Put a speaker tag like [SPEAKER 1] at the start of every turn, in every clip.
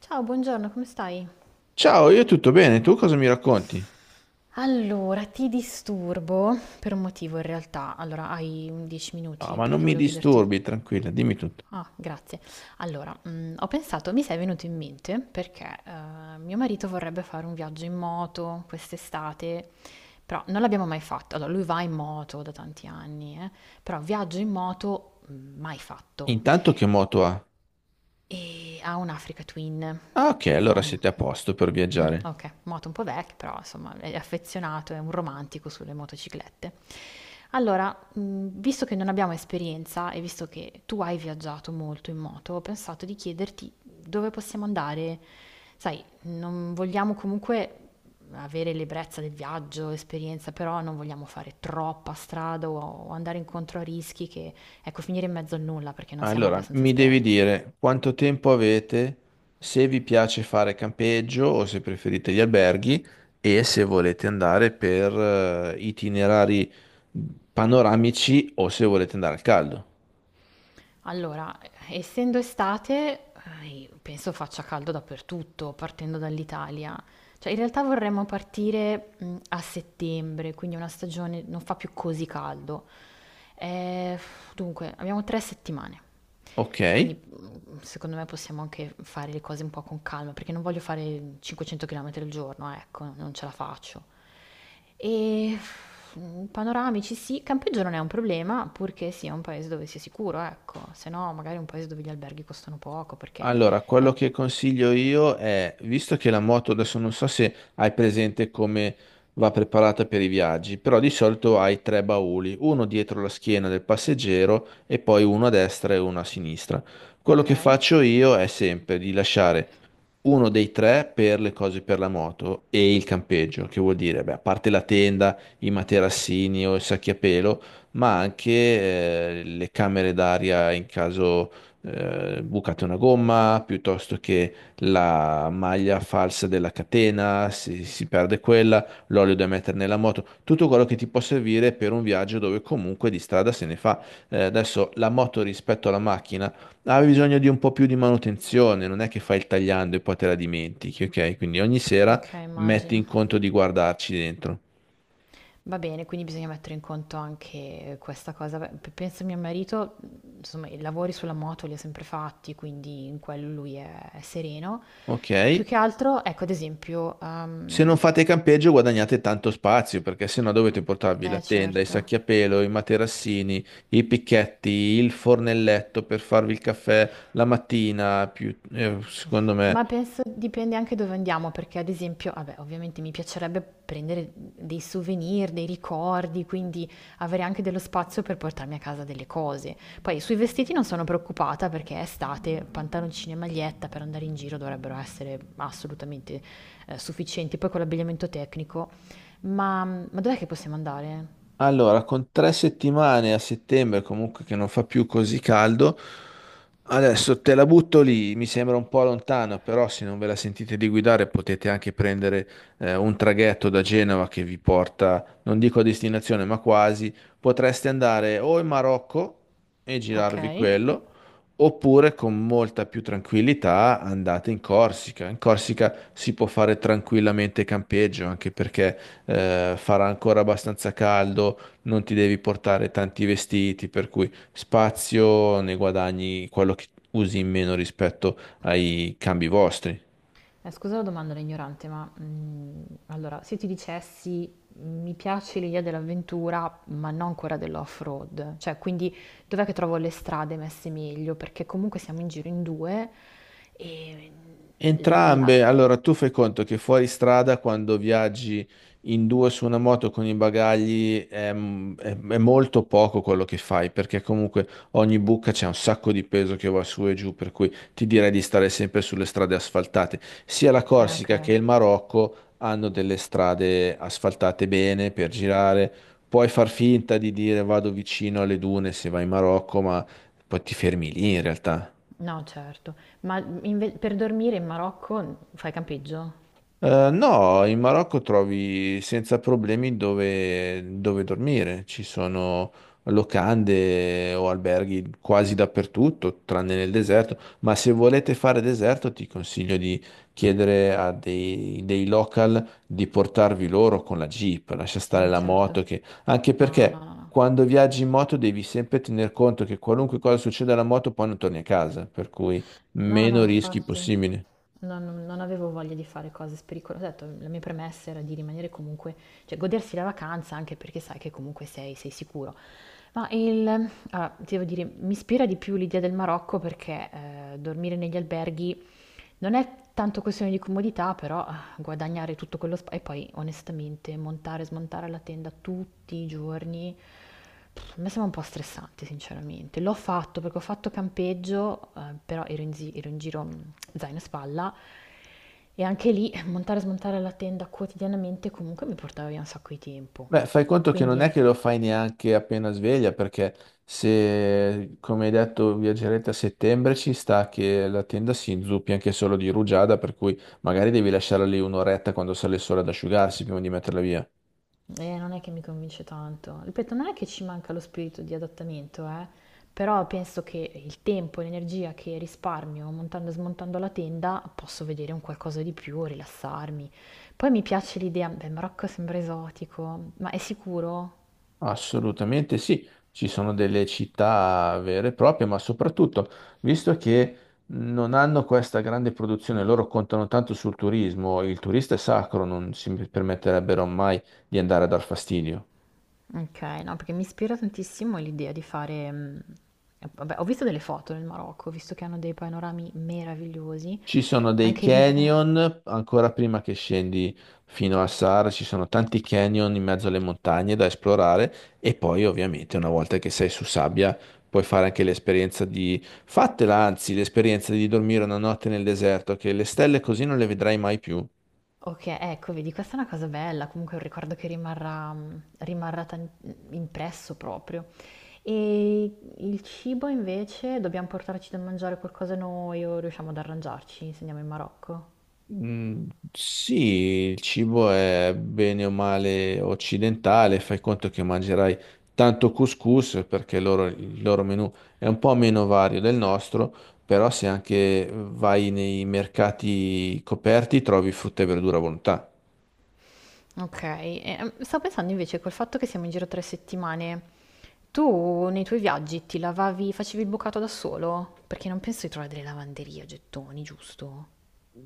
[SPEAKER 1] Ciao, buongiorno, come stai?
[SPEAKER 2] Ciao, io tutto bene, tu cosa mi racconti?
[SPEAKER 1] Allora, ti disturbo per un motivo in realtà. Allora, hai un 10
[SPEAKER 2] Ah,
[SPEAKER 1] minuti
[SPEAKER 2] ma non
[SPEAKER 1] perché
[SPEAKER 2] mi
[SPEAKER 1] volevo chiederti.
[SPEAKER 2] disturbi, tranquilla, dimmi tutto.
[SPEAKER 1] Ah, grazie. Allora, ho pensato, mi sei venuto in mente perché mio marito vorrebbe fare un viaggio in moto quest'estate, però non l'abbiamo mai fatto. Allora, lui va in moto da tanti anni, però viaggio in moto mai fatto.
[SPEAKER 2] Intanto che moto ha?
[SPEAKER 1] E ha un Africa Twin.
[SPEAKER 2] Ah, ok,
[SPEAKER 1] Sì,
[SPEAKER 2] allora siete a
[SPEAKER 1] mm,
[SPEAKER 2] posto per viaggiare.
[SPEAKER 1] Ok, moto un po' vecchia, però insomma è affezionato, è un romantico sulle motociclette. Allora, visto che non abbiamo esperienza e visto che tu hai viaggiato molto in moto, ho pensato di chiederti dove possiamo andare. Sai, non vogliamo comunque avere l'ebbrezza del viaggio, esperienza, però non vogliamo fare troppa strada o andare incontro a rischi che, ecco, finire in mezzo al nulla perché non siamo
[SPEAKER 2] Allora,
[SPEAKER 1] abbastanza
[SPEAKER 2] mi devi
[SPEAKER 1] esperti.
[SPEAKER 2] dire quanto tempo avete, se vi piace fare campeggio o se preferite gli alberghi e se volete andare per itinerari panoramici o se volete andare al caldo.
[SPEAKER 1] Allora, essendo estate, penso faccia caldo dappertutto, partendo dall'Italia. Cioè, in realtà vorremmo partire a settembre, quindi una stagione non fa più così caldo. Eh, Dunque, abbiamo 3 settimane. Quindi
[SPEAKER 2] Ok?
[SPEAKER 1] secondo me possiamo anche fare le cose un po' con calma, perché non voglio fare 500 km al giorno, ecco, non ce la faccio. E panoramici sì, campeggio non è un problema, purché sia un paese dove sia sicuro, ecco, se no magari un paese dove gli alberghi costano poco perché
[SPEAKER 2] Allora,
[SPEAKER 1] eh,
[SPEAKER 2] quello che consiglio io è, visto che la moto adesso non so se hai presente come va preparata per i viaggi, però di solito hai tre bauli, uno dietro la schiena del passeggero e poi uno a destra e uno a sinistra. Quello che
[SPEAKER 1] okay,
[SPEAKER 2] faccio io è sempre di lasciare uno dei tre per le cose per la moto e il campeggio, che vuol dire, beh, a parte la tenda, i materassini o i sacchi a pelo, ma anche le camere d'aria in caso bucate una gomma, piuttosto che la maglia falsa della catena, si perde quella, l'olio da mettere nella moto, tutto quello che ti può servire per un viaggio dove comunque di strada se ne fa. Adesso la moto rispetto alla macchina ha bisogno di un po' più di manutenzione, non è che fai il tagliando e poi te la dimentichi, ok? Quindi ogni sera
[SPEAKER 1] okay,
[SPEAKER 2] metti in
[SPEAKER 1] immagino.
[SPEAKER 2] conto di guardarci dentro.
[SPEAKER 1] Va bene, quindi bisogna mettere in conto anche questa cosa. Beh, penso a mio marito, insomma, i lavori sulla moto li ha sempre fatti, quindi in quello lui è sereno.
[SPEAKER 2] Ok.
[SPEAKER 1] Più che altro, ecco, ad esempio,
[SPEAKER 2] Se non fate campeggio guadagnate tanto spazio perché sennò dovete portarvi la
[SPEAKER 1] eh
[SPEAKER 2] tenda, i
[SPEAKER 1] certo.
[SPEAKER 2] sacchi a pelo, i materassini, i picchetti, il fornelletto per farvi il caffè la mattina, più, secondo me.
[SPEAKER 1] Ma penso dipende anche dove andiamo, perché ad esempio, vabbè, ovviamente mi piacerebbe prendere dei souvenir, dei ricordi, quindi avere anche dello spazio per portarmi a casa delle cose. Poi sui vestiti non sono preoccupata perché è estate, pantaloncini e maglietta per andare in giro dovrebbero essere assolutamente sufficienti, poi con l'abbigliamento tecnico. Ma dov'è che possiamo andare?
[SPEAKER 2] Allora, con tre settimane a settembre comunque che non fa più così caldo, adesso te la butto lì, mi sembra un po' lontano, però se non ve la sentite di guidare potete anche prendere un traghetto da Genova che vi porta, non dico a destinazione, ma quasi, potreste andare o in Marocco e
[SPEAKER 1] Ok?
[SPEAKER 2] girarvi quello, oppure con molta più tranquillità andate in Corsica. In Corsica si può fare tranquillamente campeggio, anche perché farà ancora abbastanza caldo, non ti devi portare tanti vestiti, per cui spazio ne guadagni quello che usi in meno rispetto ai cambi vostri.
[SPEAKER 1] Scusa la domanda da ignorante, ma allora, se ti dicessi mi piace l'idea dell'avventura, ma non quella dell'off-road, cioè quindi dov'è che trovo le strade messe meglio? Perché comunque siamo in giro in due. e mm, la...
[SPEAKER 2] Entrambe, allora tu fai conto che fuori strada quando viaggi in due su una moto con i bagagli è, è molto poco quello che fai perché comunque ogni buca c'è un sacco di peso che va su e giù, per cui ti direi di stare sempre sulle strade asfaltate. Sia la
[SPEAKER 1] Ok,
[SPEAKER 2] Corsica che il Marocco hanno delle strade asfaltate bene per girare, puoi far finta di dire vado vicino alle dune se vai in Marocco, ma poi ti fermi lì in realtà.
[SPEAKER 1] no, certo. Ma per dormire in Marocco fai campeggio?
[SPEAKER 2] No, in Marocco trovi senza problemi dove dormire. Ci sono locande o alberghi quasi dappertutto, tranne nel deserto. Ma se volete fare deserto, ti consiglio di chiedere a dei local di portarvi loro con la Jeep. Lascia stare
[SPEAKER 1] Sì,
[SPEAKER 2] la moto,
[SPEAKER 1] certo.
[SPEAKER 2] che... anche
[SPEAKER 1] No,
[SPEAKER 2] perché
[SPEAKER 1] no, no, no.
[SPEAKER 2] quando viaggi in moto devi sempre tener conto che qualunque cosa succeda alla moto, poi non torni a casa. Per cui
[SPEAKER 1] No, no,
[SPEAKER 2] meno rischi
[SPEAKER 1] infatti.
[SPEAKER 2] possibili.
[SPEAKER 1] Non avevo voglia di fare cose pericolose. Ho detto, la mia premessa era di rimanere comunque, cioè godersi la vacanza anche perché sai che comunque sei, sei sicuro. Ma allora, ti devo dire, mi ispira di più l'idea del Marocco perché dormire negli alberghi non è tanto questione di comodità, però guadagnare tutto quello spazio e poi onestamente montare e smontare la tenda tutti i giorni, pff, mi sembra un po' stressante sinceramente. L'ho fatto perché ho fatto campeggio, però ero ero in giro zaino e spalla e anche lì montare e smontare la tenda quotidianamente comunque mi portava via un sacco di tempo.
[SPEAKER 2] Beh, fai conto che non è
[SPEAKER 1] Quindi
[SPEAKER 2] che lo fai neanche appena sveglia, perché se, come hai detto, viaggerete a settembre, ci sta che la tenda si inzuppi anche solo di rugiada, per cui magari devi lasciarla lì un'oretta quando sale il sole ad asciugarsi prima di metterla via.
[SPEAKER 1] Non è che mi convince tanto. Ripeto, non è che ci manca lo spirito di adattamento, però penso che il tempo e l'energia che risparmio montando e smontando la tenda posso vedere un qualcosa di più, rilassarmi. Poi mi piace l'idea, beh, Marocco sembra esotico, ma è sicuro?
[SPEAKER 2] Assolutamente sì, ci sono delle città vere e proprie, ma soprattutto, visto che non hanno questa grande produzione, loro contano tanto sul turismo, il turista è sacro, non si permetterebbero mai di andare a dar fastidio.
[SPEAKER 1] Ok, no, perché mi ispira tantissimo l'idea di vabbè, ho visto delle foto nel Marocco, ho visto che hanno dei panorami meravigliosi,
[SPEAKER 2] Ci sono
[SPEAKER 1] ma
[SPEAKER 2] dei
[SPEAKER 1] anche lì... eh,
[SPEAKER 2] canyon, ancora prima che scendi fino a Sahara, ci sono tanti canyon in mezzo alle montagne da esplorare e poi ovviamente una volta che sei su sabbia puoi fare anche l'esperienza di... Fatela anzi, l'esperienza di dormire una notte nel deserto, che le stelle così non le vedrai mai più.
[SPEAKER 1] okay, ecco vedi questa è una cosa bella, comunque è un ricordo che rimarrà impresso proprio. E il cibo invece, dobbiamo portarci da mangiare qualcosa noi o riusciamo ad arrangiarci se andiamo in Marocco?
[SPEAKER 2] Mm, sì, il cibo è bene o male occidentale, fai conto che mangerai tanto couscous perché il loro menù è un po' meno vario del nostro, però se anche vai nei mercati coperti trovi frutta e verdura a volontà.
[SPEAKER 1] Okay, e, stavo pensando invece col fatto che siamo in giro 3 settimane, tu nei tuoi viaggi ti lavavi facevi il bucato da solo? Perché non penso di trovare delle lavanderie a gettoni, giusto?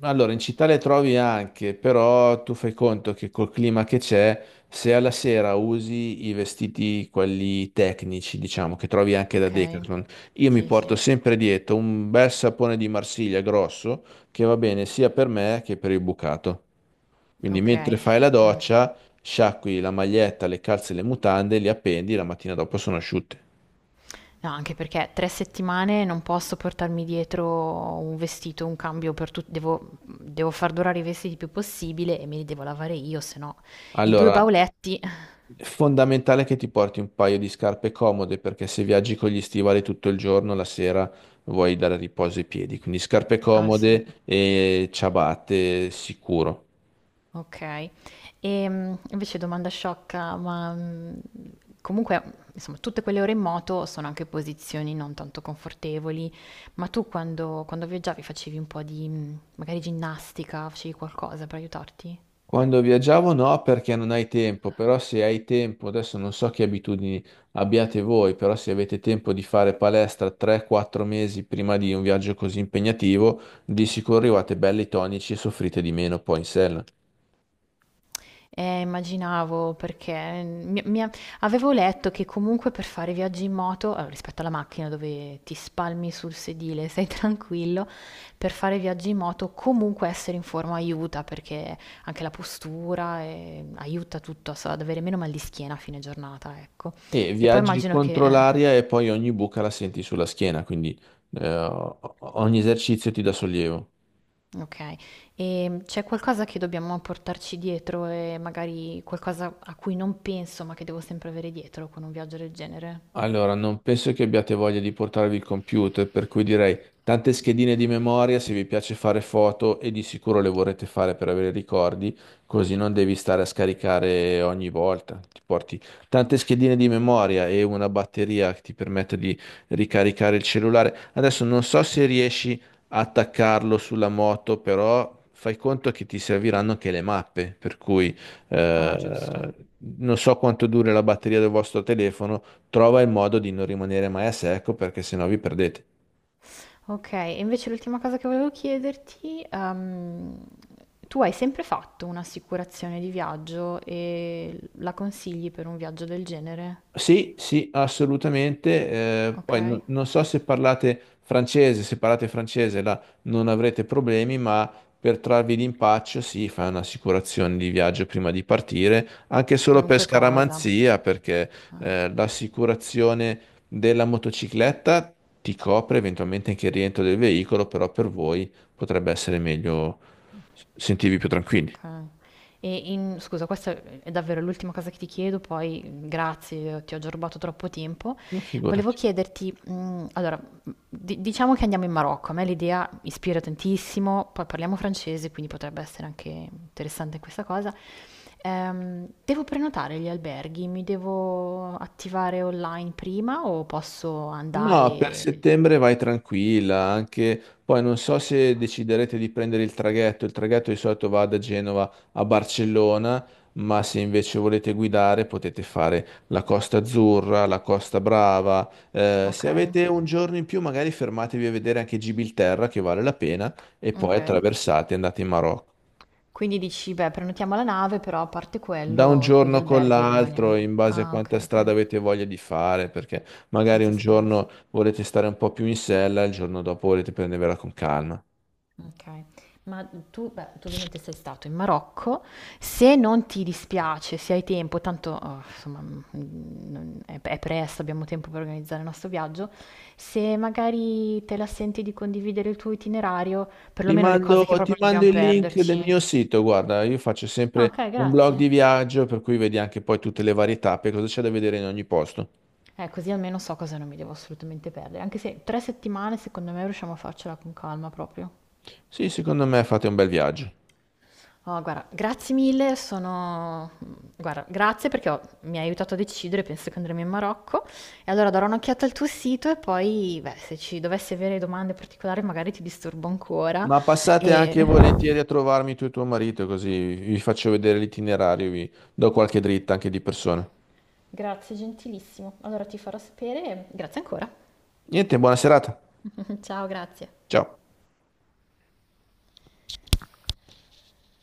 [SPEAKER 2] Allora, in città le trovi anche, però tu fai conto che col clima che c'è, se alla sera usi i vestiti, quelli tecnici, diciamo, che trovi anche da
[SPEAKER 1] Okay,
[SPEAKER 2] Decathlon, io mi
[SPEAKER 1] sì, sì,
[SPEAKER 2] porto sempre dietro un bel sapone di Marsiglia grosso che va bene sia per me che per il bucato. Quindi mentre
[SPEAKER 1] okay.
[SPEAKER 2] fai la
[SPEAKER 1] Mh.
[SPEAKER 2] doccia, sciacqui la maglietta, le calze e le mutande, li appendi, la mattina dopo sono asciutte.
[SPEAKER 1] No, anche perché 3 settimane non posso portarmi dietro un vestito, un cambio per tutti, devo, devo far durare i vestiti il più possibile e me li devo lavare io, se no i due
[SPEAKER 2] Allora,
[SPEAKER 1] bauletti.
[SPEAKER 2] è fondamentale che ti porti un paio di scarpe comode perché se viaggi con gli stivali tutto il giorno, la sera vuoi dare riposo ai piedi. Quindi scarpe
[SPEAKER 1] Ah sì,
[SPEAKER 2] comode e ciabatte sicuro.
[SPEAKER 1] ok. E invece domanda sciocca, ma comunque, insomma, tutte quelle ore in moto sono anche posizioni non tanto confortevoli, ma tu quando viaggiavi facevi un po' di, magari ginnastica, facevi qualcosa per aiutarti?
[SPEAKER 2] Quando viaggiavo no perché non hai tempo, però se hai tempo, adesso non so che abitudini abbiate voi, però se avete tempo di fare palestra 3-4 mesi prima di un viaggio così impegnativo, di sicuro arrivate belli tonici e soffrite di meno poi in sella.
[SPEAKER 1] Immaginavo perché avevo letto che comunque per fare viaggi in moto, allora, rispetto alla macchina dove ti spalmi sul sedile, sei tranquillo, per fare viaggi in moto comunque essere in forma aiuta perché anche la postura aiuta tutto so, ad avere meno mal di schiena a fine giornata, ecco.
[SPEAKER 2] E
[SPEAKER 1] E poi
[SPEAKER 2] viaggi
[SPEAKER 1] immagino che...
[SPEAKER 2] contro
[SPEAKER 1] eh,
[SPEAKER 2] l'aria e poi ogni buca la senti sulla schiena, quindi ogni esercizio ti dà sollievo.
[SPEAKER 1] ok, e c'è qualcosa che dobbiamo portarci dietro e magari qualcosa a cui non penso ma che devo sempre avere dietro con un viaggio del genere?
[SPEAKER 2] Allora, non penso che abbiate voglia di portarvi il computer, per cui direi tante schedine di memoria se vi piace fare foto e di sicuro le vorrete fare per avere ricordi, così non devi stare a scaricare ogni volta. Ti porti tante schedine di memoria e una batteria che ti permette di ricaricare il cellulare. Adesso non so se riesci a attaccarlo sulla moto, però fai conto che ti serviranno anche le mappe, per cui
[SPEAKER 1] Ah, giusto.
[SPEAKER 2] eh, non so quanto dura la batteria del vostro telefono, trova il modo di non rimanere mai a secco perché sennò vi perdete.
[SPEAKER 1] Ok, e invece l'ultima cosa che volevo chiederti, tu hai sempre fatto un'assicurazione di viaggio e la consigli per un viaggio del genere?
[SPEAKER 2] Sì, sì, assolutamente. Eh, poi
[SPEAKER 1] Ok?
[SPEAKER 2] non so se parlate francese, se parlate francese là non avrete problemi, ma per trarvi d'impaccio, sì, fai un'assicurazione di viaggio prima di partire, anche solo per
[SPEAKER 1] Qualunque cosa.
[SPEAKER 2] scaramanzia, perché
[SPEAKER 1] Eh.
[SPEAKER 2] l'assicurazione della motocicletta ti copre eventualmente anche il rientro del veicolo, però per voi potrebbe essere meglio sentirvi più tranquilli.
[SPEAKER 1] Okay. E in scusa, questa è davvero l'ultima cosa che ti chiedo, poi grazie, ti ho già rubato troppo tempo.
[SPEAKER 2] No,
[SPEAKER 1] Volevo
[SPEAKER 2] figurati.
[SPEAKER 1] chiederti, allora, di diciamo che andiamo in Marocco, a me l'idea ispira tantissimo, poi parliamo francese, quindi potrebbe essere anche interessante questa cosa. Devo prenotare gli alberghi? Mi devo attivare online prima o posso
[SPEAKER 2] No, per
[SPEAKER 1] andare.
[SPEAKER 2] settembre vai tranquilla, anche poi non so se deciderete di prendere il traghetto di solito va da Genova a Barcellona, ma se invece volete guidare potete fare la Costa Azzurra, la Costa Brava. Se
[SPEAKER 1] Okay,
[SPEAKER 2] avete un giorno in più magari fermatevi a vedere anche Gibilterra che vale la pena e poi
[SPEAKER 1] okay.
[SPEAKER 2] attraversate e andate in Marocco.
[SPEAKER 1] Quindi dici, beh, prenotiamo la nave, però a parte
[SPEAKER 2] Da un
[SPEAKER 1] quello, con gli
[SPEAKER 2] giorno con
[SPEAKER 1] alberghi rimaniamo.
[SPEAKER 2] l'altro, in base a
[SPEAKER 1] Ah,
[SPEAKER 2] quanta
[SPEAKER 1] ok, ok,
[SPEAKER 2] strada avete voglia di fare, perché magari
[SPEAKER 1] senza
[SPEAKER 2] un
[SPEAKER 1] stress.
[SPEAKER 2] giorno volete stare un po' più in sella, il giorno dopo volete prendervela con calma.
[SPEAKER 1] Ok, ma tu, beh, tu ovviamente sei stato in Marocco, se non ti dispiace, se hai tempo, tanto insomma è presto, abbiamo tempo per organizzare il nostro viaggio, se magari te la senti di condividere il tuo itinerario, perlomeno le cose che
[SPEAKER 2] Ti
[SPEAKER 1] proprio non
[SPEAKER 2] mando
[SPEAKER 1] dobbiamo
[SPEAKER 2] il link del
[SPEAKER 1] perderci.
[SPEAKER 2] mio sito, guarda, io faccio
[SPEAKER 1] Ah,
[SPEAKER 2] sempre
[SPEAKER 1] ok,
[SPEAKER 2] un blog
[SPEAKER 1] grazie.
[SPEAKER 2] di viaggio, per cui vedi anche poi tutte le varie tappe, cosa c'è da vedere in ogni posto.
[SPEAKER 1] Così almeno so cosa non mi devo assolutamente perdere, anche se 3 settimane secondo me riusciamo a farcela con calma proprio.
[SPEAKER 2] Sì, secondo me fate un bel viaggio.
[SPEAKER 1] Oh, guarda, grazie mille, guarda, grazie perché mi hai aiutato a decidere, penso che andremo in Marocco. E allora darò un'occhiata al tuo sito e poi, beh, se ci dovessi avere domande particolari magari ti disturbo ancora.
[SPEAKER 2] Ma passate
[SPEAKER 1] E...
[SPEAKER 2] anche volentieri a trovarmi tu e tuo marito, così vi faccio vedere l'itinerario, vi do qualche dritta anche di persona.
[SPEAKER 1] Grazie, gentilissimo. Allora ti farò sapere. E grazie ancora.
[SPEAKER 2] Niente, buona serata.
[SPEAKER 1] Ciao, grazie.
[SPEAKER 2] Ciao.